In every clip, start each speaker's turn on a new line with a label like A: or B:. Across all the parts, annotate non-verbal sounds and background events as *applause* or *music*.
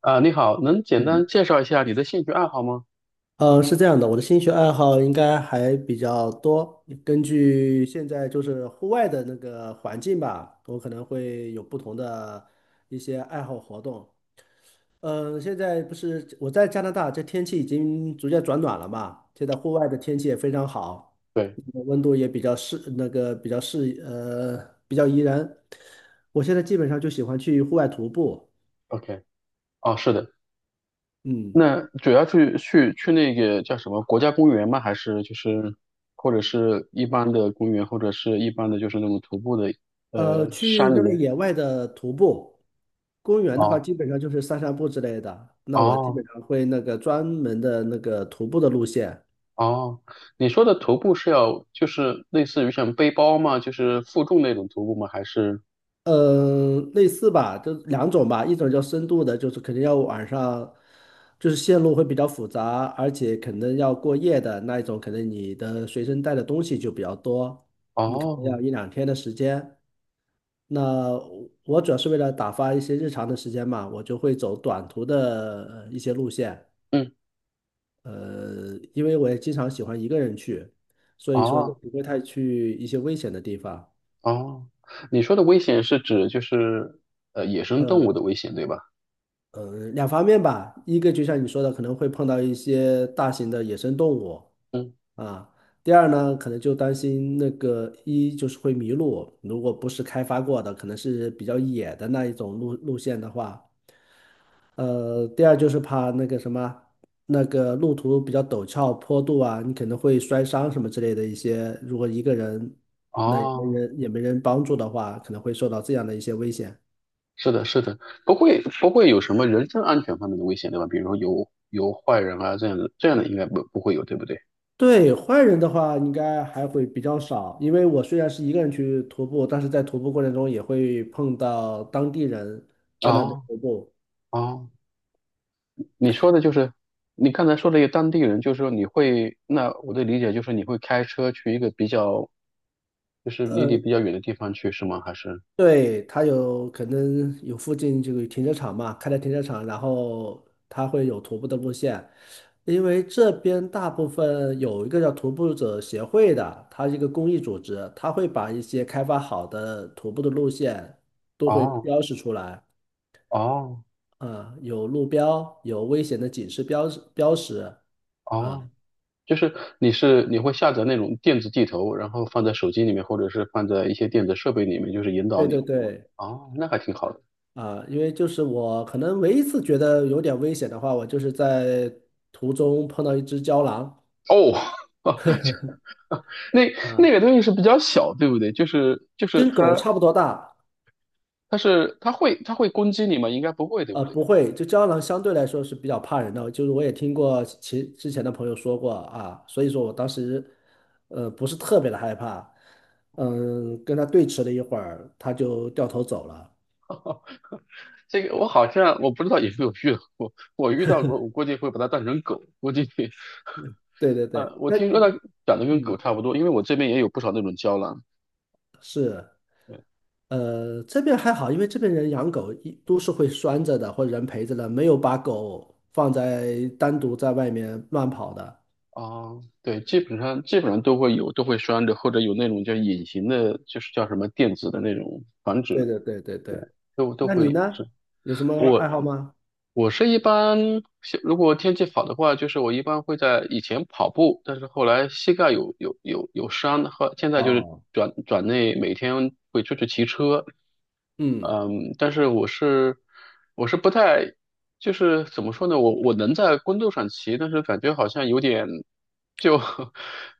A: 啊，你好，能简
B: 嗯，
A: 单介绍一下你的兴趣爱好吗？
B: 是这样的，我的兴趣爱好应该还比较多。根据现在就是户外的那个环境吧，我可能会有不同的一些爱好活动。现在不是我在加拿大，这天气已经逐渐转暖了嘛，现在户外的天气也非常好，
A: 对
B: 温度也比较适，那个比较比较宜人。我现在基本上就喜欢去户外徒步，
A: ，OK，哦，是的，
B: 嗯，
A: 那主要去那个叫什么国家公园吗？还是就是或者是一般的公园，或者是一般的就是那种徒步的山
B: 去
A: 里
B: 那个
A: 面？
B: 野外的徒步。公园的话，
A: 哦
B: 基本上就是散散步之类的。那我基
A: 哦
B: 本上会那个专门的那个徒步的路线，
A: 哦，你说的徒步是要就是类似于像背包吗？就是负重那种徒步吗？还是
B: 嗯，类似吧，就两种吧，一种叫深度的，就是肯定要晚上，就是线路会比较复杂，而且可能要过夜的那一种，可能你的随身带的东西就比较多，你可能
A: 哦
B: 要一两天的时间。那我主要是为了打发一些日常的时间嘛，我就会走短途的一些路线。
A: 嗯
B: 因为我也经常喜欢一个人去，所以说也
A: 哦
B: 不会太去一些危险的地方。
A: 哦，你说的危险是指就是野生动
B: 呃，
A: 物的危险对吧？
B: 两方面吧，一个就像你说的，可能会碰到一些大型的野生动物
A: 嗯。
B: 啊。第二呢，可能就担心那个一就是会迷路，如果不是开发过的，可能是比较野的那一种路线的话，第二就是怕那个什么，那个路途比较陡峭、坡度啊，你可能会摔伤什么之类的一些。如果一个人，那
A: 哦，
B: 也没人帮助的话，可能会受到这样的一些危险。
A: 是的，是的，不会有什么人身安全方面的危险，对吧？比如说有坏人啊这样的，这样的应该不会有，对不对？
B: 对，坏人的话，应该还会比较少，因为我虽然是一个人去徒步，但是在徒步过程中也会碰到当地人在那边
A: 哦
B: 徒步。
A: 哦，你说的就是你刚才说的一个当地人，就是说你会，那我的理解就是你会开车去一个比较，就是离你比较远的地方去，是吗？还是？
B: 对，它有可能有附近这个停车场嘛，开的停车场，然后它会有徒步的路线，因为这边大部分有一个叫徒步者协会的，它是一个公益组织，它会把一些开发好的徒步的路线都会
A: 哦
B: 标示出来，
A: 哦
B: 啊，有路标，有危险的警示标志标识，啊，
A: 哦，就是你会下载那种电子地图，然后放在手机里面，或者是放在一些电子设备里面，就是引导
B: 对
A: 你，
B: 对
A: 是吗？
B: 对。
A: 哦，那还挺好的。
B: 啊，因为就是我可能唯一一次觉得有点危险的话，我就是在途中碰到一只郊狼，
A: 哦，*laughs* 那那
B: 啊，
A: 个东西是比较小，对不对？就是
B: 跟狗
A: 它
B: 差不多大，
A: 它是它会它会攻击你吗？应该不会，对不对？
B: 不会，就胶囊相对来说是比较怕人的，就是我也听过之前的朋友说过啊，所以说我当时，不是特别的害怕，嗯，跟它对峙了一会儿，它就掉头走了。
A: 这个我好像我不知道有没有遇到过，我遇到过，我估计会把它当成狗，估计，
B: 对对对，
A: 我
B: 那
A: 听说它长得跟狗
B: 嗯，
A: 差不多，因为我这边也有不少那种胶囊
B: 是，这边还好，因为这边人养狗一都是会拴着的，或者人陪着的，没有把狗放在单独在外面乱跑的。
A: 啊，对，基本上都会有，都会拴着，或者有那种叫隐形的，就是叫什么电子的那种防
B: 对
A: 止，
B: 对对对对，
A: 都
B: 那你
A: 会有。
B: 呢？
A: 是，
B: 有什么爱好吗？
A: 我是一般，像如果天气好的话，就是我一般会在以前跑步，但是后来膝盖有伤，后现在就是
B: 哦。
A: 转转内每天会出去骑车，
B: 嗯，
A: 嗯，但是我是不太，就是怎么说呢，我能在公路上骑，但是感觉好像有点。就 *laughs*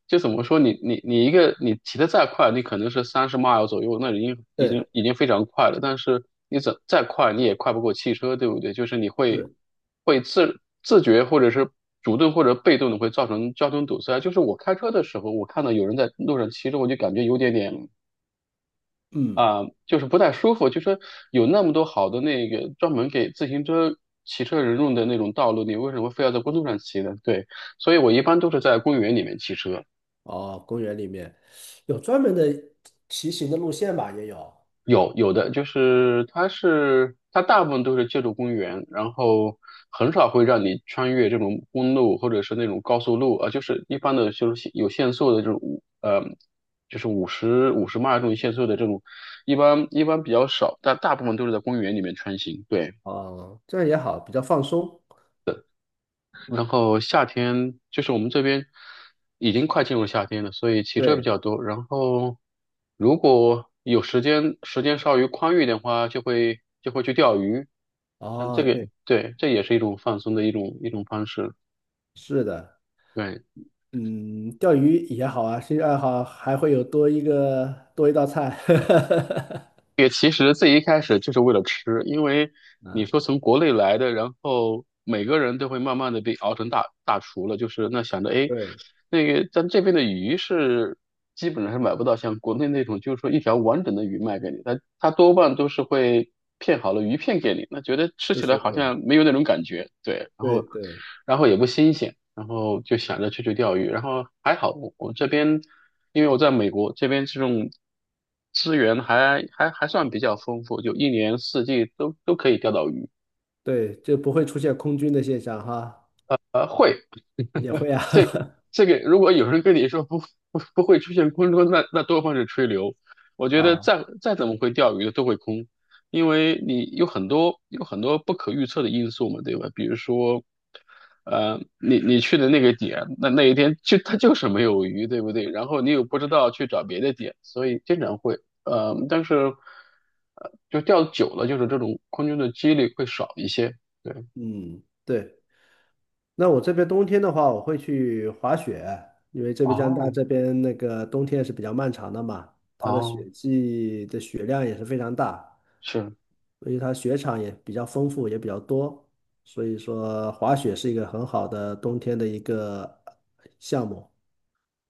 A: 就怎么说你一个你骑的再快，你可能是30 mile 左右，那已经已经
B: 对，
A: 已经非常快了。但是你怎再快，你也快不过汽车，对不对？就是你会
B: 是，
A: 会自觉或者是主动或者被动的会造成交通堵塞。就是我开车的时候，我看到有人在路上骑着，我就感觉有点点
B: 嗯，
A: 啊、就是不太舒服。就说有那么多好的那个专门给自行车，骑车人用的那种道路，你为什么非要在公路上骑呢？对，所以我一般都是在公园里面骑车。
B: 哦，公园里面有专门的骑行的路线吧？也有，
A: 有的就是它大部分都是借助公园，然后很少会让你穿越这种公路或者是那种高速路啊，就是一般的就是有限速的这种就是五十迈这种限速的这种，一般比较少，但大部分都是在公园里面穿行。对。
B: 哦，这样也好，比较放松。
A: 然后夏天就是我们这边已经快进入夏天了，所以骑车比
B: 对，
A: 较多。然后如果有时间，时间稍微宽裕的话，就会去钓鱼。像这
B: 哦，
A: 个，
B: 对，
A: 对，这也是一种放松的一种方式。
B: 是的，
A: 对。
B: 嗯，钓鱼也好啊，兴趣爱好还会有多一个多一道菜，*laughs*
A: 也其实最一开始就是为了吃，因为你
B: 啊，
A: 说从国内来的，然后每个人都会慢慢的被熬成大厨了，就是那想着哎，
B: 对，
A: 那个咱这边的鱼是基本上是买不到像国内那种，就是说一条完整的鱼卖给你，它多半都是会片好了鱼片给你，那觉得吃
B: 是
A: 起
B: 是
A: 来好
B: 是，
A: 像没有那种感觉，对，然
B: 对
A: 后
B: 对，
A: 也不新鲜。然后就想着去钓鱼，然后还好我这边，因为我在美国这边这种资源还算比较丰富，就一年四季都可以钓到鱼，
B: 对，就不会出现空军的现象哈，
A: 会
B: 也
A: *laughs*
B: 会啊，
A: 这个这个，如果有人跟你说不会出现空中，那多半是吹牛。我
B: *laughs*
A: 觉得
B: 啊，
A: 再怎么会钓鱼的都会空，因为你有很多不可预测的因素嘛，对吧？比如说，你去的那个点，那一天就它就是没有鱼，对不对？然后你又不知道去找别的点，所以经常会，但是就钓久了，就是这种空中的几率会少一些。对，
B: 嗯，对。那我这边冬天的话，我会去滑雪，因为这边加拿大
A: 哦
B: 这边那个冬天是比较漫长的嘛，它的
A: 哦，
B: 雪季的雪量也是非常大，
A: 是。
B: 所以它雪场也比较丰富，也比较多，所以说滑雪是一个很好的冬天的一个项目。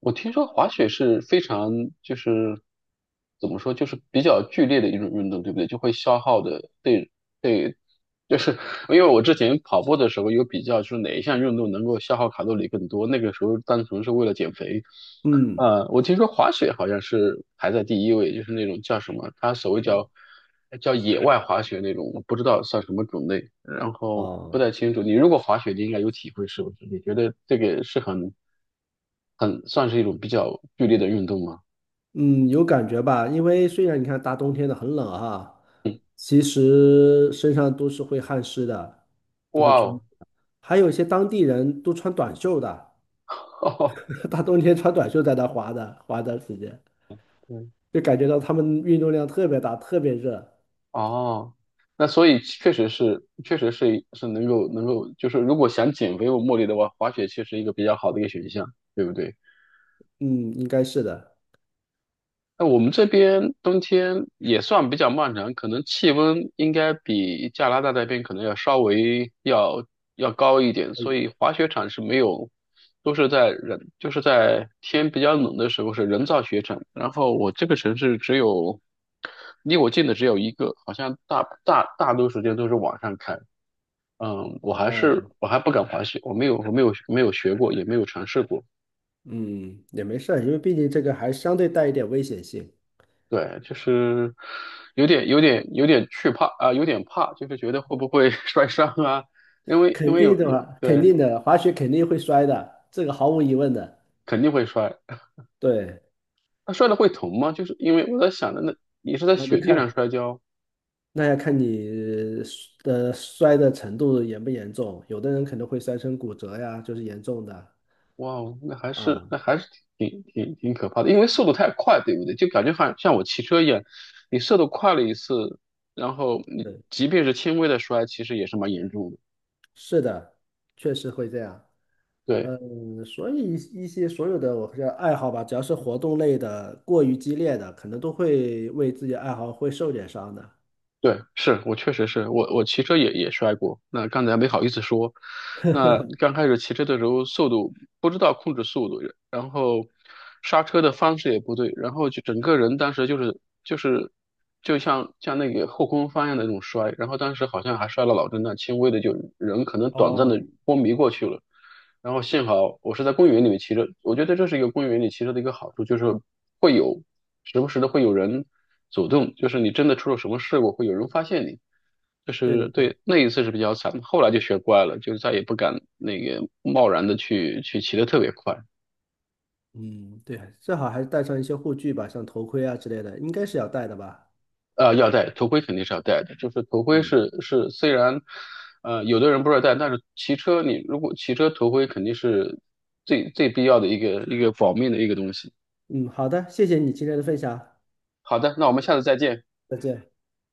A: 我听说滑雪是非常就是怎么说，就是比较剧烈的一种运动，对不对？就会消耗的，对对，就是因为我之前跑步的时候有比较，就是哪一项运动能够消耗卡路里更多，那个时候单纯是为了减肥。
B: 嗯，
A: 我听说滑雪好像是排在第一位，就是那种叫什么，它所谓
B: 哦，
A: 叫野外滑雪那种，我不知道算什么种类。然后不
B: 哦，
A: 太清楚。你如果滑雪，你应该有体会，是不是？你觉得这个是很算是一种比较剧烈的运动吗？
B: 嗯，有感觉吧？因为虽然你看大冬天的很冷哈，
A: 嗯，
B: 其实身上都是会汗湿的，都会
A: 哇
B: 出。
A: 哦，
B: 还有一些当地人都穿短袖的，
A: *laughs* 哦
B: *laughs* 大冬天穿短袖在那滑的，滑的时间
A: 对，
B: 就感觉到他们运动量特别大，特别热。
A: 哦，那所以确实是，确实是能够，就是如果想减肥或目的的话，滑雪确实一个比较好的一个选项，对不对？
B: 嗯，应该是的。
A: 那我们这边冬天也算比较漫长，可能气温应该比加拿大那边可能要稍微要高一点，所以滑雪场是没有，都是在人就是在天比较冷的时候是人造雪场。然后我这个城市只有离我近的只有一个，好像大多时间都是晚上开。嗯，我还是
B: 哦，
A: 我还不敢滑雪，我没有学过，也没有尝试过。
B: 嗯，也没事儿，因为毕竟这个还相对带一点危险性，
A: 对，就是有点惧怕啊、有点怕，就是觉得会不会 *laughs* 摔伤啊？因为因
B: 肯
A: 为
B: 定
A: 有
B: 的
A: 有
B: 嘛，肯
A: 对，
B: 定的，滑雪肯定会摔的，这个毫无疑问的。
A: 肯定会摔。
B: 对，
A: 那摔了会疼吗？就是因为我在想着，那你是在
B: 那就
A: 雪地
B: 看，
A: 上摔跤，
B: 那要看你的摔的程度严不严重，有的人可能会摔成骨折呀，就是严重的
A: 哇哦，那还是
B: 啊。
A: 那还是挺挺挺可怕的，因为速度太快，对不对？就感觉好像像我骑车一样，你速度快了一次，然后你
B: 对，
A: 即便是轻微的摔，其实也是蛮严重的。
B: 是的，确实会这样。
A: 对，
B: 嗯，所以一一些所有的我叫爱好吧，只要是活动类的，过于激烈的，可能都会为自己爱好会受点伤的。
A: 对，是我确实是我骑车也摔过，那刚才没好意思说。那刚开始骑车的时候，速度不知道控制速度，然后刹车的方式也不对，然后就整个人当时就是就像那个后空翻一样的那种摔，然后当时好像还摔了脑震荡，轻微的就人可能短暂的
B: 哦，
A: 昏迷过去了。然后幸好我是在公园里面骑车，我觉得这是一个公园里骑车的一个好处，就是会有时不时的会有人走动，就是你真的出了什么事故，会有人发现你。就
B: 对对
A: 是
B: 对，
A: 对那一次是比较惨，后来就学乖了，就再也不敢那个贸然的去骑的特别快。
B: 嗯，对，最好还是带上一些护具吧，像头盔啊之类的，应该是要带的吧。
A: 要戴头盔肯定是要戴的，就是头盔
B: 嗯，
A: 是虽然，有的人不知道戴，但是骑车你如果骑车头盔肯定是最必要的一个保命的一个东西。
B: 嗯，好的，谢谢你今天的分享，
A: 好的，那我们下次再见。
B: 再见。